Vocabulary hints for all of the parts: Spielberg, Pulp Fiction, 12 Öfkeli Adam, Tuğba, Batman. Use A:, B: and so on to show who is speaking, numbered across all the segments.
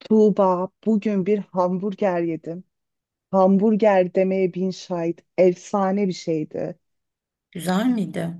A: Tuğba, bugün bir hamburger yedim. Hamburger demeye bin şahit. Efsane bir şeydi.
B: Güzel miydi?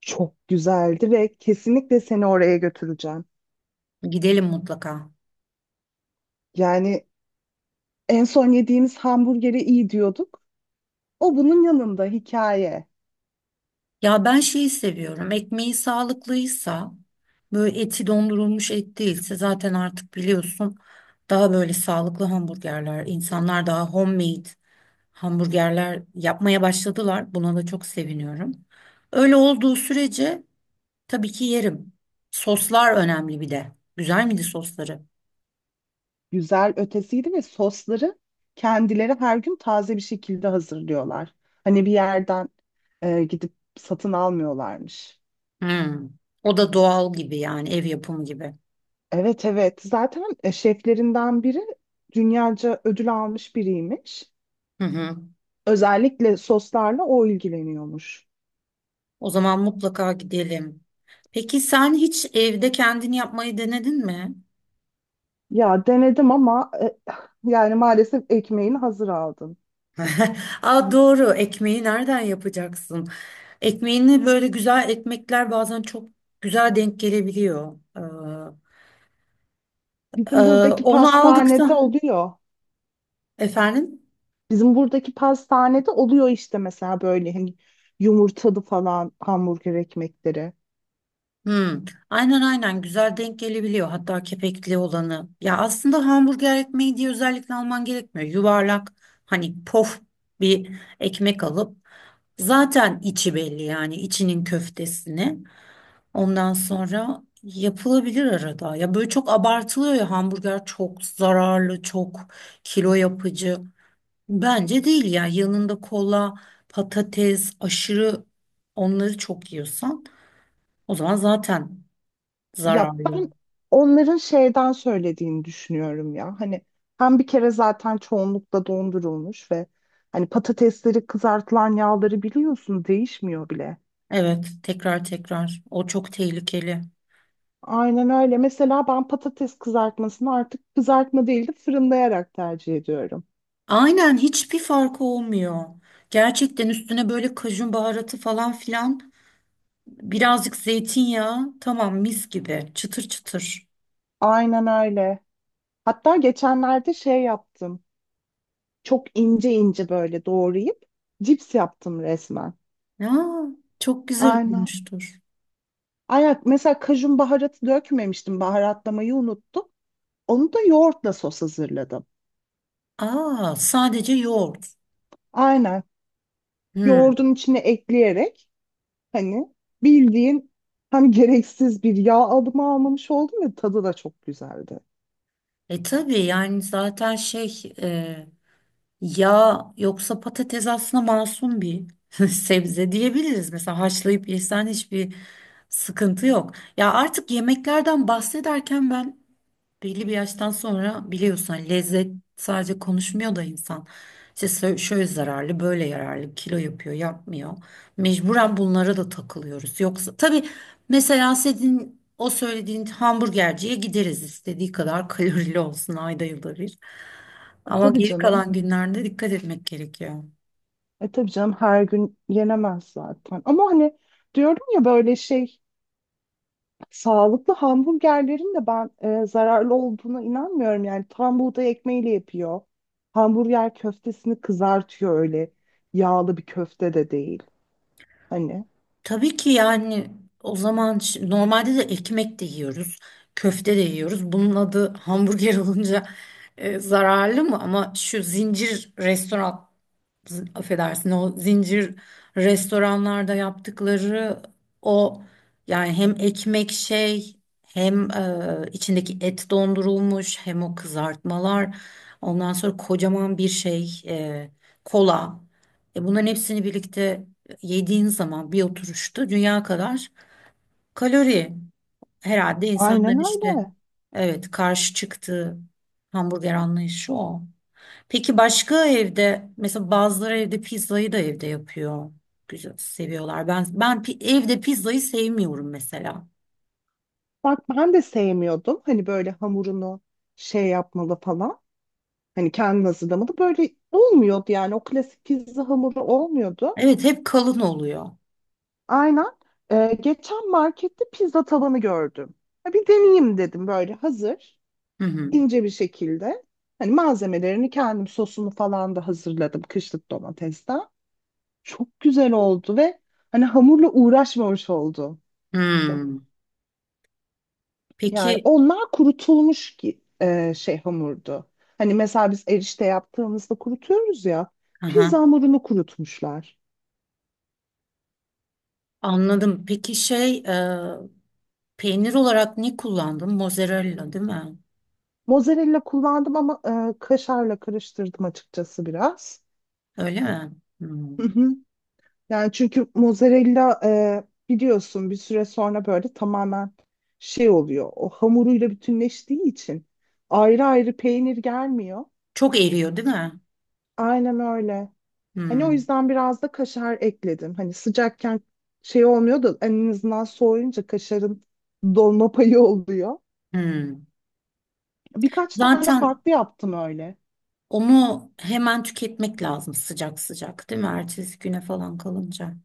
A: Çok güzeldi ve kesinlikle seni oraya götüreceğim.
B: Gidelim mutlaka.
A: Yani en son yediğimiz hamburgeri iyi diyorduk. O bunun yanında hikaye.
B: Ya ben şeyi seviyorum. Ekmeği sağlıklıysa, böyle eti dondurulmuş et değilse zaten artık biliyorsun daha böyle sağlıklı hamburgerler, insanlar daha homemade hamburgerler yapmaya başladılar. Buna da çok seviniyorum. Öyle olduğu sürece tabii ki yerim. Soslar önemli bir de. Güzel miydi sosları?
A: Güzel ötesiydi ve sosları kendileri her gün taze bir şekilde hazırlıyorlar. Hani bir yerden gidip satın almıyorlarmış.
B: Hmm. O da doğal gibi yani ev yapımı gibi.
A: Evet evet zaten şeflerinden biri dünyaca ödül almış biriymiş.
B: Hı hı.
A: Özellikle soslarla o ilgileniyormuş.
B: O zaman mutlaka gidelim. Peki sen hiç evde kendini yapmayı denedin mi?
A: Ya denedim ama yani maalesef ekmeğini hazır aldım.
B: Aa, doğru, ekmeği nereden yapacaksın? Ekmeğini böyle güzel ekmekler bazen çok güzel denk gelebiliyor. E,
A: Bizim buradaki
B: onu
A: pastanede
B: aldıktan
A: oluyor.
B: efendim.
A: Bizim buradaki pastanede oluyor işte mesela böyle hani yumurtalı falan hamburger ekmekleri.
B: Hmm, aynen aynen güzel denk gelebiliyor hatta kepekli olanı. Ya aslında hamburger ekmeği diye özellikle alman gerekmiyor. Yuvarlak hani pof bir ekmek alıp. Zaten içi belli yani içinin köftesini. Ondan sonra yapılabilir arada. Ya böyle çok abartılıyor ya, hamburger çok zararlı, çok kilo yapıcı. Bence değil ya. Yanında kola, patates, aşırı onları çok yiyorsan o zaman zaten
A: Ya
B: zararlı.
A: ben onların şeyden söylediğini düşünüyorum ya. Hani hem bir kere zaten çoğunlukla dondurulmuş ve hani patatesleri kızartılan yağları biliyorsun değişmiyor bile.
B: Evet, tekrar tekrar. O çok tehlikeli.
A: Aynen öyle. Mesela ben patates kızartmasını artık kızartma değil de fırınlayarak tercih ediyorum.
B: Aynen, hiçbir farkı olmuyor. Gerçekten üstüne böyle kajun baharatı falan filan. Birazcık zeytinyağı. Tamam, mis gibi. Çıtır çıtır.
A: Aynen öyle. Hatta geçenlerde şey yaptım. Çok ince ince böyle doğrayıp cips yaptım resmen.
B: Ya çok güzel
A: Aynen.
B: olmuştur.
A: Ayak mesela kajun baharatı dökmemiştim. Baharatlamayı unuttum. Onu da yoğurtla sos hazırladım.
B: Aa, sadece yoğurt.
A: Aynen.
B: Hmm.
A: Yoğurdun içine ekleyerek hani bildiğin hem gereksiz bir yağ alımı almamış oldum ve tadı da çok güzeldi.
B: E tabii, yani zaten şey yağ yoksa patates aslında masum bir sebze diyebiliriz. Mesela haşlayıp yesen hiçbir sıkıntı yok. Ya artık yemeklerden bahsederken ben, belli bir yaştan sonra biliyorsun, hani lezzet sadece konuşmuyor da insan. İşte şöyle zararlı, böyle yararlı, kilo yapıyor, yapmıyor. Mecburen bunlara da takılıyoruz. Yoksa tabii mesela senin o söylediğin hamburgerciye gideriz, istediği kadar kalorili olsun, ayda yılda bir.
A: E,
B: Ama
A: tabii
B: geri
A: canım.
B: kalan günlerde dikkat etmek gerekiyor.
A: E tabii canım her gün yenemez zaten. Ama hani diyorum ya böyle şey sağlıklı hamburgerlerin de ben zararlı olduğuna inanmıyorum. Yani tam buğday ekmeğiyle yapıyor. Hamburger köftesini kızartıyor öyle. Yağlı bir köfte de değil. Hani
B: Tabii ki yani, o zaman normalde de ekmek de yiyoruz, köfte de yiyoruz. Bunun adı hamburger olunca zararlı mı? Ama şu zincir restoran, affedersin, o zincir restoranlarda yaptıkları o, yani hem ekmek şey, hem içindeki et dondurulmuş, hem o kızartmalar, ondan sonra kocaman bir şey kola, bunların hepsini birlikte yediğin zaman bir oturuşta dünya kadar kalori, herhalde insanların
A: aynen
B: işte,
A: öyle.
B: evet, karşı çıktığı hamburger anlayışı o. Peki başka, evde mesela bazıları evde pizzayı da evde yapıyor. Güzel seviyorlar. Ben evde pizzayı sevmiyorum mesela.
A: Bak ben de sevmiyordum. Hani böyle hamurunu şey yapmalı falan. Hani kendin hazırlamalı. Böyle olmuyordu yani. O klasik pizza hamuru olmuyordu.
B: Evet, hep kalın oluyor.
A: Aynen. Geçen markette pizza tabanı gördüm. Ha, bir deneyeyim dedim böyle hazır
B: Hı hı.
A: ince bir şekilde. Hani malzemelerini kendim sosunu falan da hazırladım kışlık domatesten. Çok güzel oldu ve hani hamurla uğraşmamış oldu.
B: Hmm.
A: Yani
B: Peki.
A: onlar kurutulmuş ki şey hamurdu. Hani mesela biz erişte yaptığımızda kurutuyoruz ya.
B: Aha,
A: Pizza hamurunu kurutmuşlar.
B: anladım. Peki şey, peynir olarak ne kullandın? Mozzarella değil mi?
A: Mozzarella kullandım ama kaşarla karıştırdım açıkçası biraz.
B: Öyle mi? Hmm.
A: Yani çünkü mozzarella biliyorsun bir süre sonra böyle tamamen şey oluyor. O hamuruyla bütünleştiği için ayrı ayrı peynir gelmiyor.
B: Çok eriyor değil mi?
A: Aynen öyle. Hani o
B: Hmm.
A: yüzden biraz da kaşar ekledim. Hani sıcakken şey olmuyor da en azından soğuyunca kaşarın dolma payı oluyor.
B: Hmm.
A: Birkaç tane
B: Zaten
A: farklı yaptım öyle.
B: onu hemen tüketmek lazım, sıcak sıcak, değil mi? Ertesi güne falan kalınca.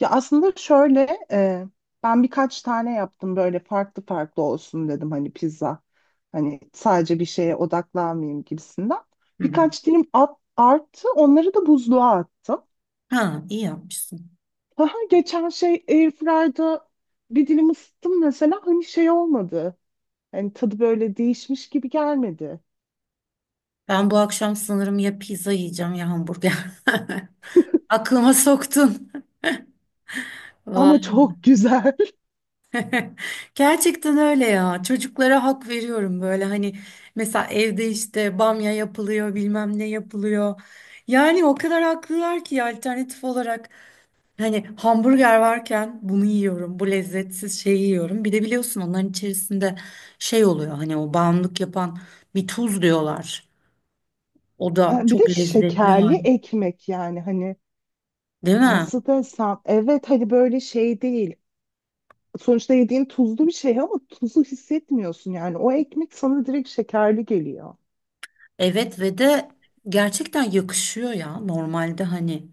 A: Ya aslında şöyle ben birkaç tane yaptım böyle farklı farklı olsun dedim hani pizza. Hani sadece bir şeye odaklanmayayım gibisinden.
B: Hı hı.
A: Birkaç dilim at, arttı onları da buzluğa attım.
B: Ha, iyi yapmışsın.
A: Aha, geçen şey Airfryer'da bir dilim ısıttım mesela hani şey olmadı. Hani tadı böyle değişmiş gibi gelmedi.
B: Ben bu akşam sanırım ya pizza yiyeceğim ya hamburger. Aklıma soktun.
A: Ama
B: Vay.
A: çok güzel.
B: Gerçekten öyle ya. Çocuklara hak veriyorum böyle, hani mesela evde işte bamya yapılıyor, bilmem ne yapılıyor. Yani o kadar haklılar ki, alternatif olarak hani hamburger varken bunu yiyorum, bu lezzetsiz şeyi yiyorum. Bir de biliyorsun onların içerisinde şey oluyor, hani o bağımlılık yapan bir tuz diyorlar. O da
A: Ha, bir
B: çok
A: de
B: lezzetli
A: şekerli
B: hali.
A: ekmek yani hani
B: Değil mi?
A: nasıl desem evet hani böyle şey değil. Sonuçta yediğin tuzlu bir şey ama tuzu hissetmiyorsun yani. O ekmek sana direkt şekerli geliyor.
B: Evet, ve de gerçekten yakışıyor ya. Normalde hani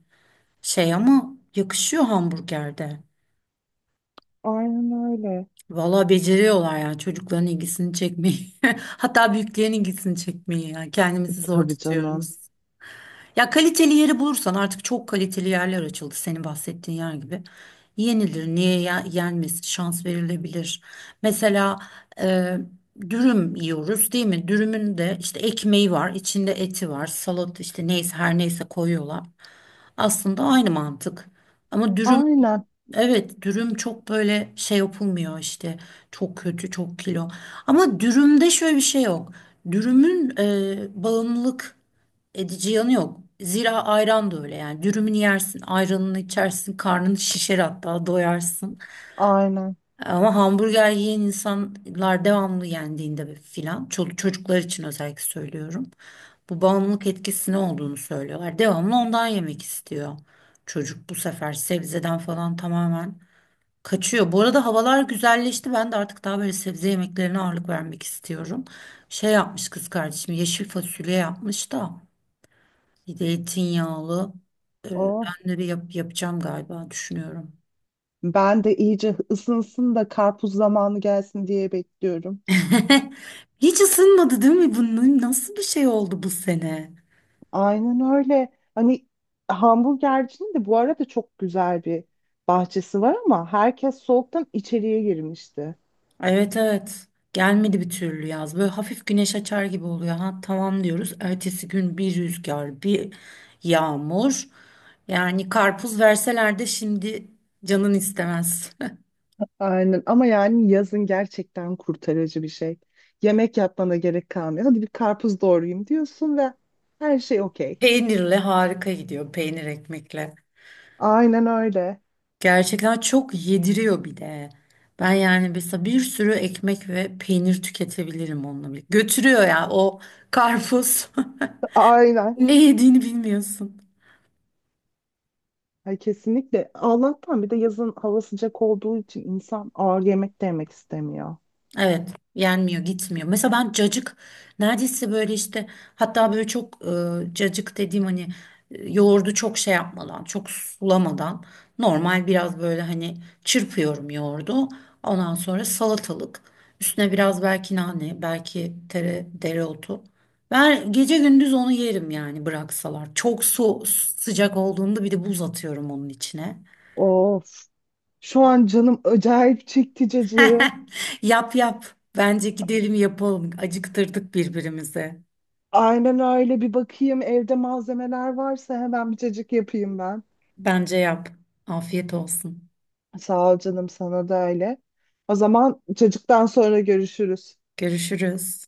B: şey ama yakışıyor hamburgerde.
A: Aynen öyle.
B: Valla beceriyorlar yani çocukların ilgisini çekmeyi. Hatta büyüklerin ilgisini çekmeyi. Yani kendimizi zor
A: Tabii canım.
B: tutuyoruz. Ya kaliteli yeri bulursan, artık çok kaliteli yerler açıldı, senin bahsettiğin yer gibi. Yenilir, niye yenmez, şans verilebilir. Mesela e, dürüm yiyoruz değil mi? Dürümün de işte ekmeği var, içinde eti var, salat işte neyse, her neyse, koyuyorlar. Aslında aynı mantık. Ama dürüm.
A: Aynen,
B: Evet, dürüm çok böyle şey yapılmıyor işte, çok kötü, çok kilo, ama dürümde şöyle bir şey yok. Dürümün bağımlılık edici yanı yok, zira ayran da öyle yani. Dürümünü yersin, ayranını içersin, karnını şişer, hatta doyarsın.
A: aynen.
B: Ama hamburger yiyen insanlar devamlı yendiğinde filan, çocuklar için özellikle söylüyorum, bu bağımlılık etkisi ne olduğunu söylüyorlar. Devamlı ondan yemek istiyor çocuk, bu sefer sebzeden falan tamamen kaçıyor. Bu arada havalar güzelleşti. Ben de artık daha böyle sebze yemeklerine ağırlık vermek istiyorum. Şey yapmış kız kardeşim, yeşil fasulye yapmış da, bir de zeytinyağlı.
A: Oh,
B: Ben de bir yapacağım galiba, düşünüyorum.
A: ben de iyice ısınsın da karpuz zamanı gelsin diye bekliyorum.
B: Hiç ısınmadı değil mi? Bunun nasıl bir şey oldu bu sene?
A: Aynen öyle. Hani hamburgercinin de bu arada çok güzel bir bahçesi var ama herkes soğuktan içeriye girmişti.
B: Evet, evet. Gelmedi bir türlü yaz. Böyle hafif güneş açar gibi oluyor. Ha tamam diyoruz. Ertesi gün bir rüzgar, bir yağmur. Yani karpuz verseler de şimdi canın istemez.
A: Aynen ama yani yazın gerçekten kurtarıcı bir şey. Yemek yapmana gerek kalmıyor. Hadi bir karpuz doğrayayım diyorsun ve her şey okey.
B: Peynirle harika gidiyor. Peynir ekmekle.
A: Aynen öyle.
B: Gerçekten çok yediriyor bir de. Ben yani mesela bir sürü ekmek ve peynir tüketebilirim onunla birlikte. Götürüyor ya o karpuz.
A: Aynen.
B: Ne yediğini bilmiyorsun.
A: Ay, kesinlikle. Allah'tan bir de yazın hava sıcak olduğu için insan ağır yemek de yemek istemiyor.
B: Evet, yenmiyor, gitmiyor. Mesela ben cacık neredeyse böyle işte, hatta böyle çok cacık dediğim hani, yoğurdu çok şey yapmadan, çok sulamadan, normal biraz böyle hani çırpıyorum yoğurdu. Ondan sonra salatalık, üstüne biraz belki nane, belki tere, dereotu. Ben gece gündüz onu yerim yani, bıraksalar. Çok su, sıcak olduğunda bir de buz atıyorum onun içine.
A: Of. Şu an canım acayip çekti cacığı.
B: Yap yap. Bence gidelim yapalım. Acıktırdık birbirimizi.
A: Aynen öyle. Bir bakayım evde malzemeler varsa hemen bir cacık yapayım ben.
B: Bence yap. Afiyet olsun.
A: Sağ ol canım sana da öyle. O zaman cacıktan sonra görüşürüz.
B: Görüşürüz.